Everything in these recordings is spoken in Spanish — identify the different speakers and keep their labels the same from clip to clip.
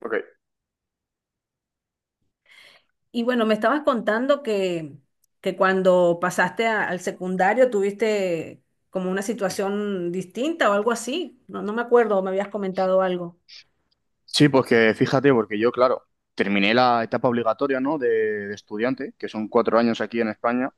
Speaker 1: Ok.
Speaker 2: Y bueno, me estabas contando que cuando pasaste al secundario tuviste como una situación distinta o algo así. No, no me acuerdo, me habías comentado algo.
Speaker 1: Sí, pues que fíjate, porque yo, claro, terminé la etapa obligatoria, ¿no? De estudiante, que son 4 años aquí en España,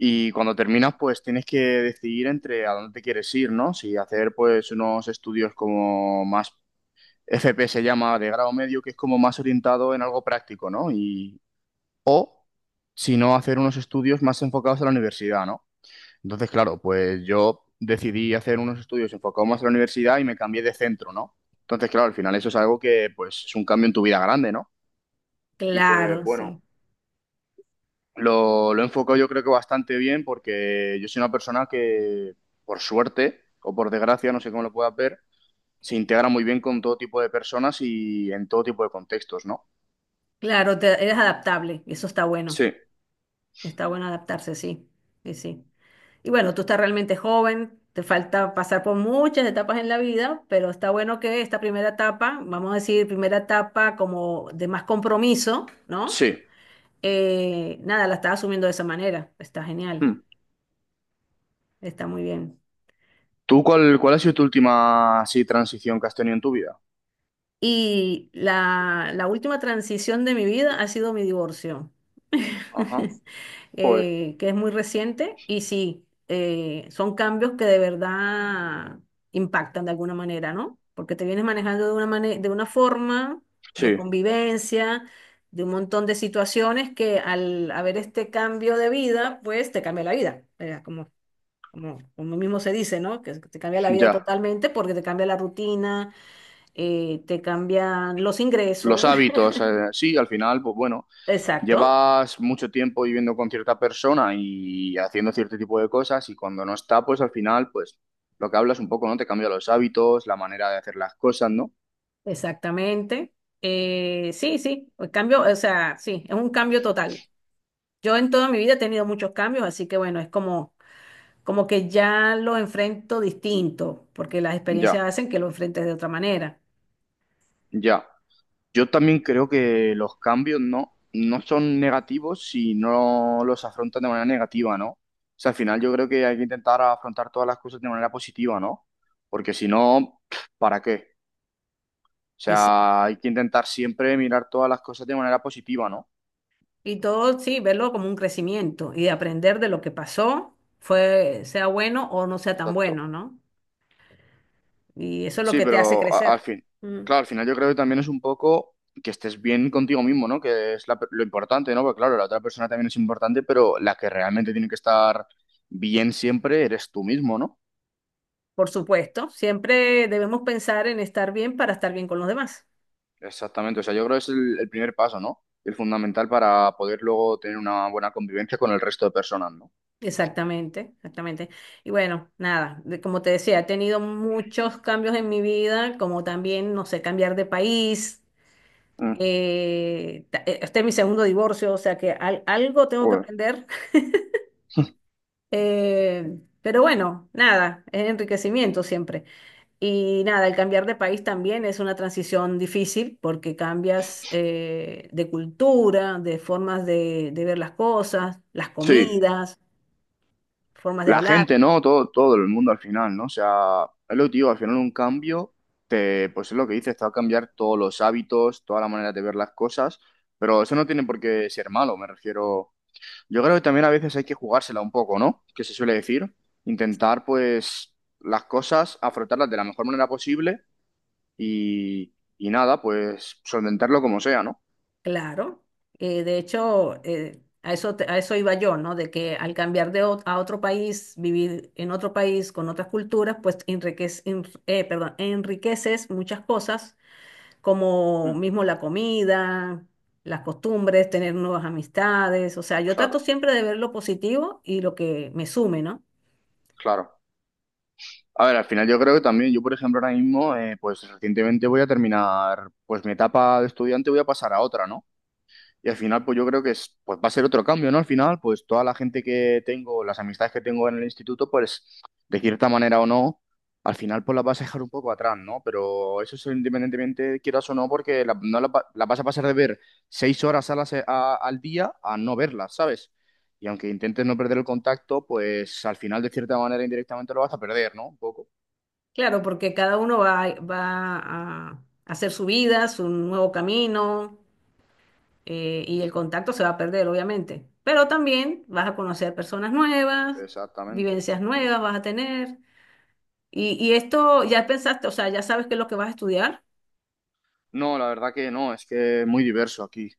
Speaker 1: y cuando terminas, pues tienes que decidir entre a dónde te quieres ir, ¿no? Si hacer, pues, unos estudios como más, FP se llama, de grado medio, que es como más orientado en algo práctico, ¿no? Y, o, si no, hacer unos estudios más enfocados a la universidad, ¿no? Entonces, claro, pues yo decidí hacer unos estudios enfocados más en la universidad y me cambié de centro, ¿no? Entonces, claro, al final eso es algo que, pues, es un cambio en tu vida grande, ¿no? Y pues,
Speaker 2: Claro,
Speaker 1: bueno,
Speaker 2: sí.
Speaker 1: lo he enfocado yo creo que bastante bien porque yo soy una persona que, por suerte o por desgracia, no sé cómo lo puedas ver, se integra muy bien con todo tipo de personas y en todo tipo de contextos, ¿no?
Speaker 2: Claro, eres adaptable y eso está bueno.
Speaker 1: Sí,
Speaker 2: Está bueno adaptarse, sí. Sí, sí. Y bueno, tú estás realmente joven, te falta pasar por muchas etapas en la vida, pero está bueno que esta primera etapa, vamos a decir, primera etapa como de más compromiso, ¿no?
Speaker 1: sí.
Speaker 2: Nada, la estaba asumiendo de esa manera. Está genial,
Speaker 1: Hmm.
Speaker 2: está muy bien.
Speaker 1: ¿Tú cuál ha sido tu última, así, transición que has tenido en tu vida?
Speaker 2: Y la última transición de mi vida ha sido mi divorcio,
Speaker 1: Ajá, joder,
Speaker 2: que es muy reciente y sí, son cambios que de verdad impactan de alguna manera, ¿no? Porque te vienes manejando de una de una forma de
Speaker 1: sí,
Speaker 2: convivencia, de un montón de situaciones que al haber este cambio de vida, pues te cambia la vida. Como, como como mismo se dice, ¿no? Que te cambia la vida
Speaker 1: ya.
Speaker 2: totalmente porque te cambia la rutina, te cambian los
Speaker 1: Los
Speaker 2: ingresos.
Speaker 1: hábitos, sí, al final, pues bueno,
Speaker 2: Exacto,
Speaker 1: llevas mucho tiempo viviendo con cierta persona y haciendo cierto tipo de cosas y cuando no está, pues al final, pues lo que hablas un poco, ¿no? Te cambia los hábitos, la manera de hacer las cosas, ¿no?
Speaker 2: exactamente. Sí, sí, el cambio, o sea, sí, es un cambio total. Yo en toda mi vida he tenido muchos cambios, así que bueno, es como, como que ya lo enfrento distinto, porque las
Speaker 1: Ya,
Speaker 2: experiencias hacen que lo enfrentes de otra manera.
Speaker 1: ya. Yo también creo que los cambios, ¿no? No son negativos si no los afrontas de manera negativa, ¿no? O sea, al final yo creo que hay que intentar afrontar todas las cosas de manera positiva, ¿no? Porque si no, ¿para qué? O
Speaker 2: Y sí,
Speaker 1: sea, hay que intentar siempre mirar todas las cosas de manera positiva, ¿no?
Speaker 2: y todo, sí, verlo como un crecimiento y de aprender de lo que pasó, fue, sea bueno o no sea tan
Speaker 1: Exacto.
Speaker 2: bueno, ¿no? Y eso es lo
Speaker 1: Sí,
Speaker 2: que te hace
Speaker 1: pero
Speaker 2: crecer. Mm.
Speaker 1: claro, al final yo creo que también es un poco que estés bien contigo mismo, ¿no? Que es lo importante, ¿no? Porque claro, la otra persona también es importante, pero la que realmente tiene que estar bien siempre eres tú mismo, ¿no?
Speaker 2: Por supuesto, siempre debemos pensar en estar bien para estar bien con los demás.
Speaker 1: Exactamente. O sea, yo creo que es el primer paso, ¿no? El fundamental para poder luego tener una buena convivencia con el resto de personas, ¿no?
Speaker 2: Exactamente, exactamente. Y bueno, nada, como te decía, he tenido muchos cambios en mi vida, como también, no sé, cambiar de país.
Speaker 1: Mm,
Speaker 2: Este es mi segundo divorcio, o sea que algo tengo que
Speaker 1: joder.
Speaker 2: aprender. Pero bueno, nada, es enriquecimiento siempre. Y nada, el cambiar de país también es una transición difícil porque cambias de cultura, de formas de ver las cosas, las
Speaker 1: Sí.
Speaker 2: comidas, formas de
Speaker 1: La
Speaker 2: hablar,
Speaker 1: gente, ¿no? Todo, todo el mundo al final, ¿no? O sea, es lo que te digo, al final un cambio, pues es lo que dices, te va a cambiar todos los hábitos, toda la manera de ver las cosas, pero eso no tiene por qué ser malo, me refiero. Yo creo que también a veces hay que jugársela un poco, ¿no? Que se suele decir, intentar pues las cosas, afrontarlas de la mejor manera posible y nada, pues solventarlo como sea, ¿no?
Speaker 2: claro. De hecho, a eso, a eso iba yo, ¿no? De que al cambiar de a otro país, vivir en otro país con otras culturas, pues perdón, enriqueces muchas cosas como
Speaker 1: Mm,
Speaker 2: mismo la comida, las costumbres, tener nuevas amistades. O sea, yo trato
Speaker 1: claro,
Speaker 2: siempre de ver lo positivo y lo que me sume, ¿no?
Speaker 1: claro. A ver, al final yo creo que también, yo por ejemplo ahora mismo, pues recientemente voy a terminar, pues mi etapa de estudiante voy a pasar a otra, ¿no? Y al final, pues yo creo que es, pues va a ser otro cambio, ¿no? Al final, pues toda la gente que tengo, las amistades que tengo en el instituto, pues de cierta manera o no, al final pues las vas a dejar un poco atrás, ¿no? Pero eso es independientemente quieras o no, porque la- no la, va- la vas a pasar de ver 6 horas a al día a no verlas, ¿sabes? Y aunque intentes no perder el contacto, pues al final de cierta manera indirectamente lo vas a perder, ¿no? Un poco.
Speaker 2: Claro, porque cada uno va a hacer su vida, su nuevo camino, y el contacto se va a perder, obviamente. Pero también vas a conocer personas nuevas,
Speaker 1: Exactamente.
Speaker 2: vivencias nuevas vas a tener. Y esto ya pensaste, o sea, ya sabes qué es lo que vas a estudiar.
Speaker 1: No, la verdad que no, es que es muy diverso aquí.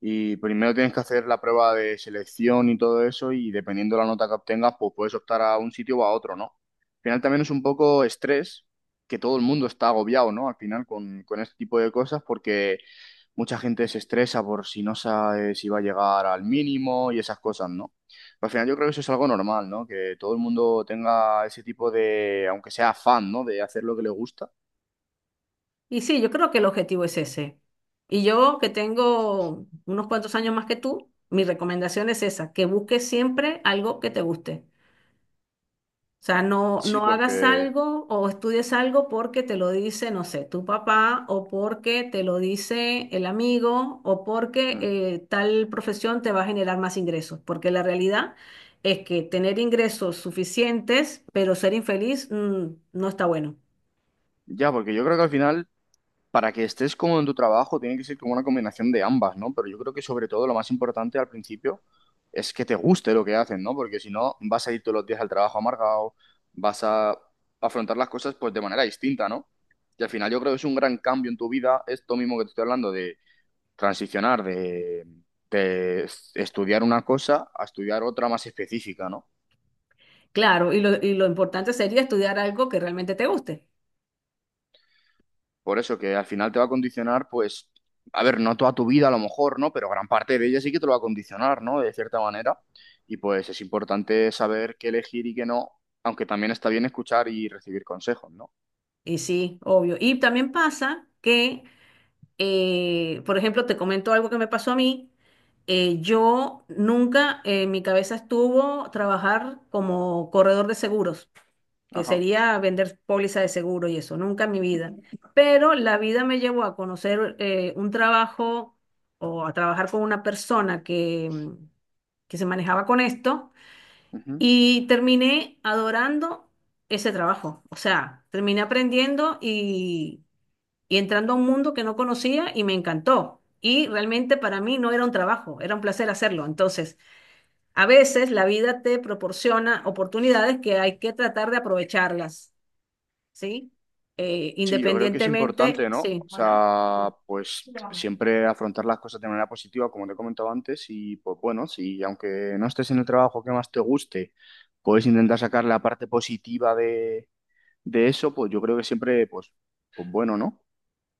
Speaker 1: Y primero tienes que hacer la prueba de selección y todo eso, y dependiendo de la nota que obtengas, pues puedes optar a un sitio o a otro, ¿no? Al final también es un poco estrés, que todo el mundo está agobiado, ¿no? Al final con este tipo de cosas, porque mucha gente se estresa por si no sabe si va a llegar al mínimo y esas cosas, ¿no? Pero al final yo creo que eso es algo normal, ¿no? Que todo el mundo tenga ese tipo de, aunque sea fan, ¿no? De hacer lo que le gusta.
Speaker 2: Y sí, yo creo que el objetivo es ese. Y yo que tengo unos cuantos años más que tú, mi recomendación es esa, que busques siempre algo que te guste. O sea, no,
Speaker 1: Sí,
Speaker 2: no hagas
Speaker 1: porque
Speaker 2: algo o estudies algo porque te lo dice, no sé, tu papá o porque te lo dice el amigo o porque
Speaker 1: mm.
Speaker 2: tal profesión te va a generar más ingresos. Porque la realidad es que tener ingresos suficientes pero ser infeliz no está bueno.
Speaker 1: Ya, porque yo creo que al final, para que estés cómodo en tu trabajo, tiene que ser como una combinación de ambas, ¿no? Pero yo creo que sobre todo lo más importante al principio es que te guste lo que haces, ¿no? Porque si no, vas a ir todos los días al trabajo amargado, vas a afrontar las cosas pues de manera distinta, ¿no? Y al final yo creo que es un gran cambio en tu vida, esto mismo que te estoy hablando de transicionar de estudiar una cosa a estudiar otra más específica, ¿no?
Speaker 2: Claro, y lo importante sería estudiar algo que realmente te guste.
Speaker 1: Por eso que al final te va a condicionar, pues, a ver, no toda tu vida a lo mejor, ¿no? Pero gran parte de ella sí que te lo va a condicionar, ¿no? De cierta manera. Y pues es importante saber qué elegir y qué no, aunque también está bien escuchar y recibir consejos, ¿no?
Speaker 2: Y sí, obvio. Y también pasa que, por ejemplo, te comento algo que me pasó a mí. Yo nunca en mi cabeza estuvo trabajar como corredor de seguros, que
Speaker 1: Ajá.
Speaker 2: sería vender póliza de seguro y eso, nunca en mi vida. Pero la vida me llevó a conocer un trabajo o a trabajar con una persona que, que se manejaba con esto.
Speaker 1: Ujú.
Speaker 2: Y terminé adorando ese trabajo. O sea, terminé aprendiendo y entrando a un mundo que no conocía y me encantó. Y realmente para mí no era un trabajo, era un placer hacerlo. Entonces, a veces la vida te proporciona oportunidades que hay que tratar de aprovecharlas, ¿sí?
Speaker 1: Sí, yo creo que es
Speaker 2: Independientemente,
Speaker 1: importante, ¿no? O
Speaker 2: sí. Hola.
Speaker 1: sea, pues siempre afrontar las cosas de manera positiva, como te he comentado antes, y pues bueno, si aunque no estés en el trabajo que más te guste, puedes intentar sacar la parte positiva de eso, pues yo creo que siempre, pues, pues bueno, ¿no?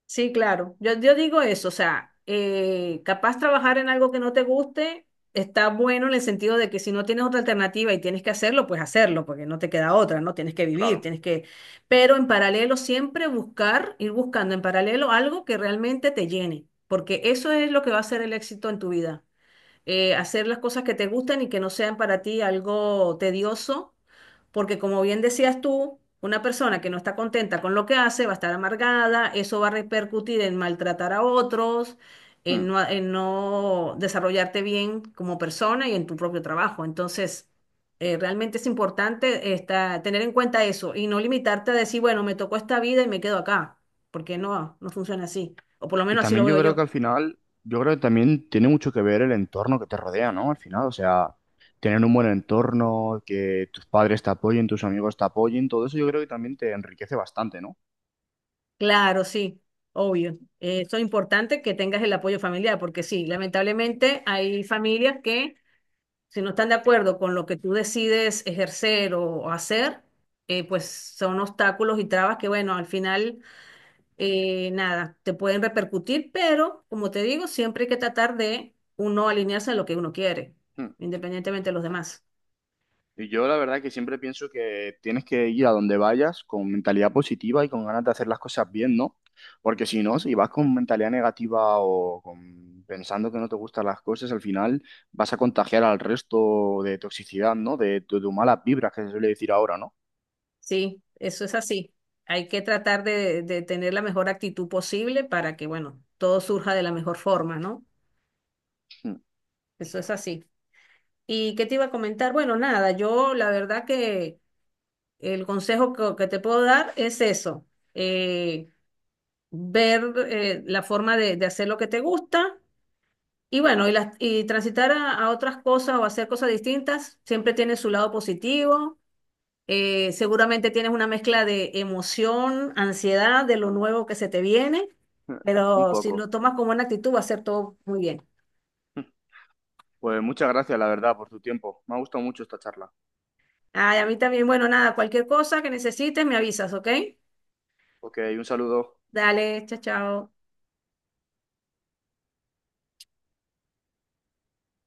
Speaker 2: Sí, claro. Yo digo eso, o sea, capaz trabajar en algo que no te guste está bueno en el sentido de que si no tienes otra alternativa y tienes que hacerlo, pues hacerlo, porque no te queda otra, ¿no? Tienes que vivir,
Speaker 1: Claro.
Speaker 2: tienes que... Pero en paralelo siempre buscar, ir buscando en paralelo algo que realmente te llene, porque eso es lo que va a ser el éxito en tu vida. Hacer las cosas que te gustan y que no sean para ti algo tedioso porque como bien decías tú, una persona que no está contenta con lo que hace va a estar amargada, eso va a repercutir en maltratar a otros,
Speaker 1: Mm.
Speaker 2: en no desarrollarte bien como persona y en tu propio trabajo. Entonces, realmente es importante tener en cuenta eso y no limitarte a decir, bueno, me tocó esta vida y me quedo acá, porque no, no funciona así, o por lo
Speaker 1: Y
Speaker 2: menos así
Speaker 1: también
Speaker 2: lo veo
Speaker 1: yo creo que
Speaker 2: yo.
Speaker 1: al final, yo creo que también tiene mucho que ver el entorno que te rodea, ¿no? Al final, o sea, tener un buen entorno, que tus padres te apoyen, tus amigos te apoyen, todo eso yo creo que también te enriquece bastante, ¿no?
Speaker 2: Claro, sí. Obvio, eh, eso es importante que tengas el apoyo familiar, porque sí, lamentablemente hay familias que si no están de acuerdo con lo que tú decides ejercer o hacer, pues son obstáculos y trabas que, bueno, al final, nada, te pueden repercutir, pero como te digo, siempre hay que tratar de uno alinearse a lo que uno quiere,
Speaker 1: Mm.
Speaker 2: independientemente de los demás.
Speaker 1: Y yo la verdad que siempre pienso que tienes que ir a donde vayas con mentalidad positiva y con ganas de hacer las cosas bien, ¿no? Porque si no, si vas con mentalidad negativa o con- pensando que no te gustan las cosas, al final vas a contagiar al resto de toxicidad, ¿no? De tus malas vibras, que se suele decir ahora, ¿no?
Speaker 2: Sí, eso es así. Hay que tratar de tener la mejor actitud posible para que, bueno, todo surja de la mejor forma, ¿no? Eso es así. ¿Y qué te iba a comentar? Bueno, nada, yo la verdad que el consejo que te puedo dar es eso, eh, ver la forma de hacer lo que te gusta y bueno, y transitar a otras cosas o hacer cosas distintas siempre tiene su lado positivo. Seguramente tienes una mezcla de emoción, ansiedad de lo nuevo que se te viene,
Speaker 1: Mm. Un
Speaker 2: pero si lo
Speaker 1: poco.
Speaker 2: tomas como una actitud va a ser todo muy bien.
Speaker 1: Pues muchas gracias, la verdad, por tu tiempo. Me ha gustado mucho esta charla.
Speaker 2: Ay, a mí también, bueno, nada, cualquier cosa que necesites me avisas, ¿ok?
Speaker 1: Ok, un saludo.
Speaker 2: Dale, chao, chao.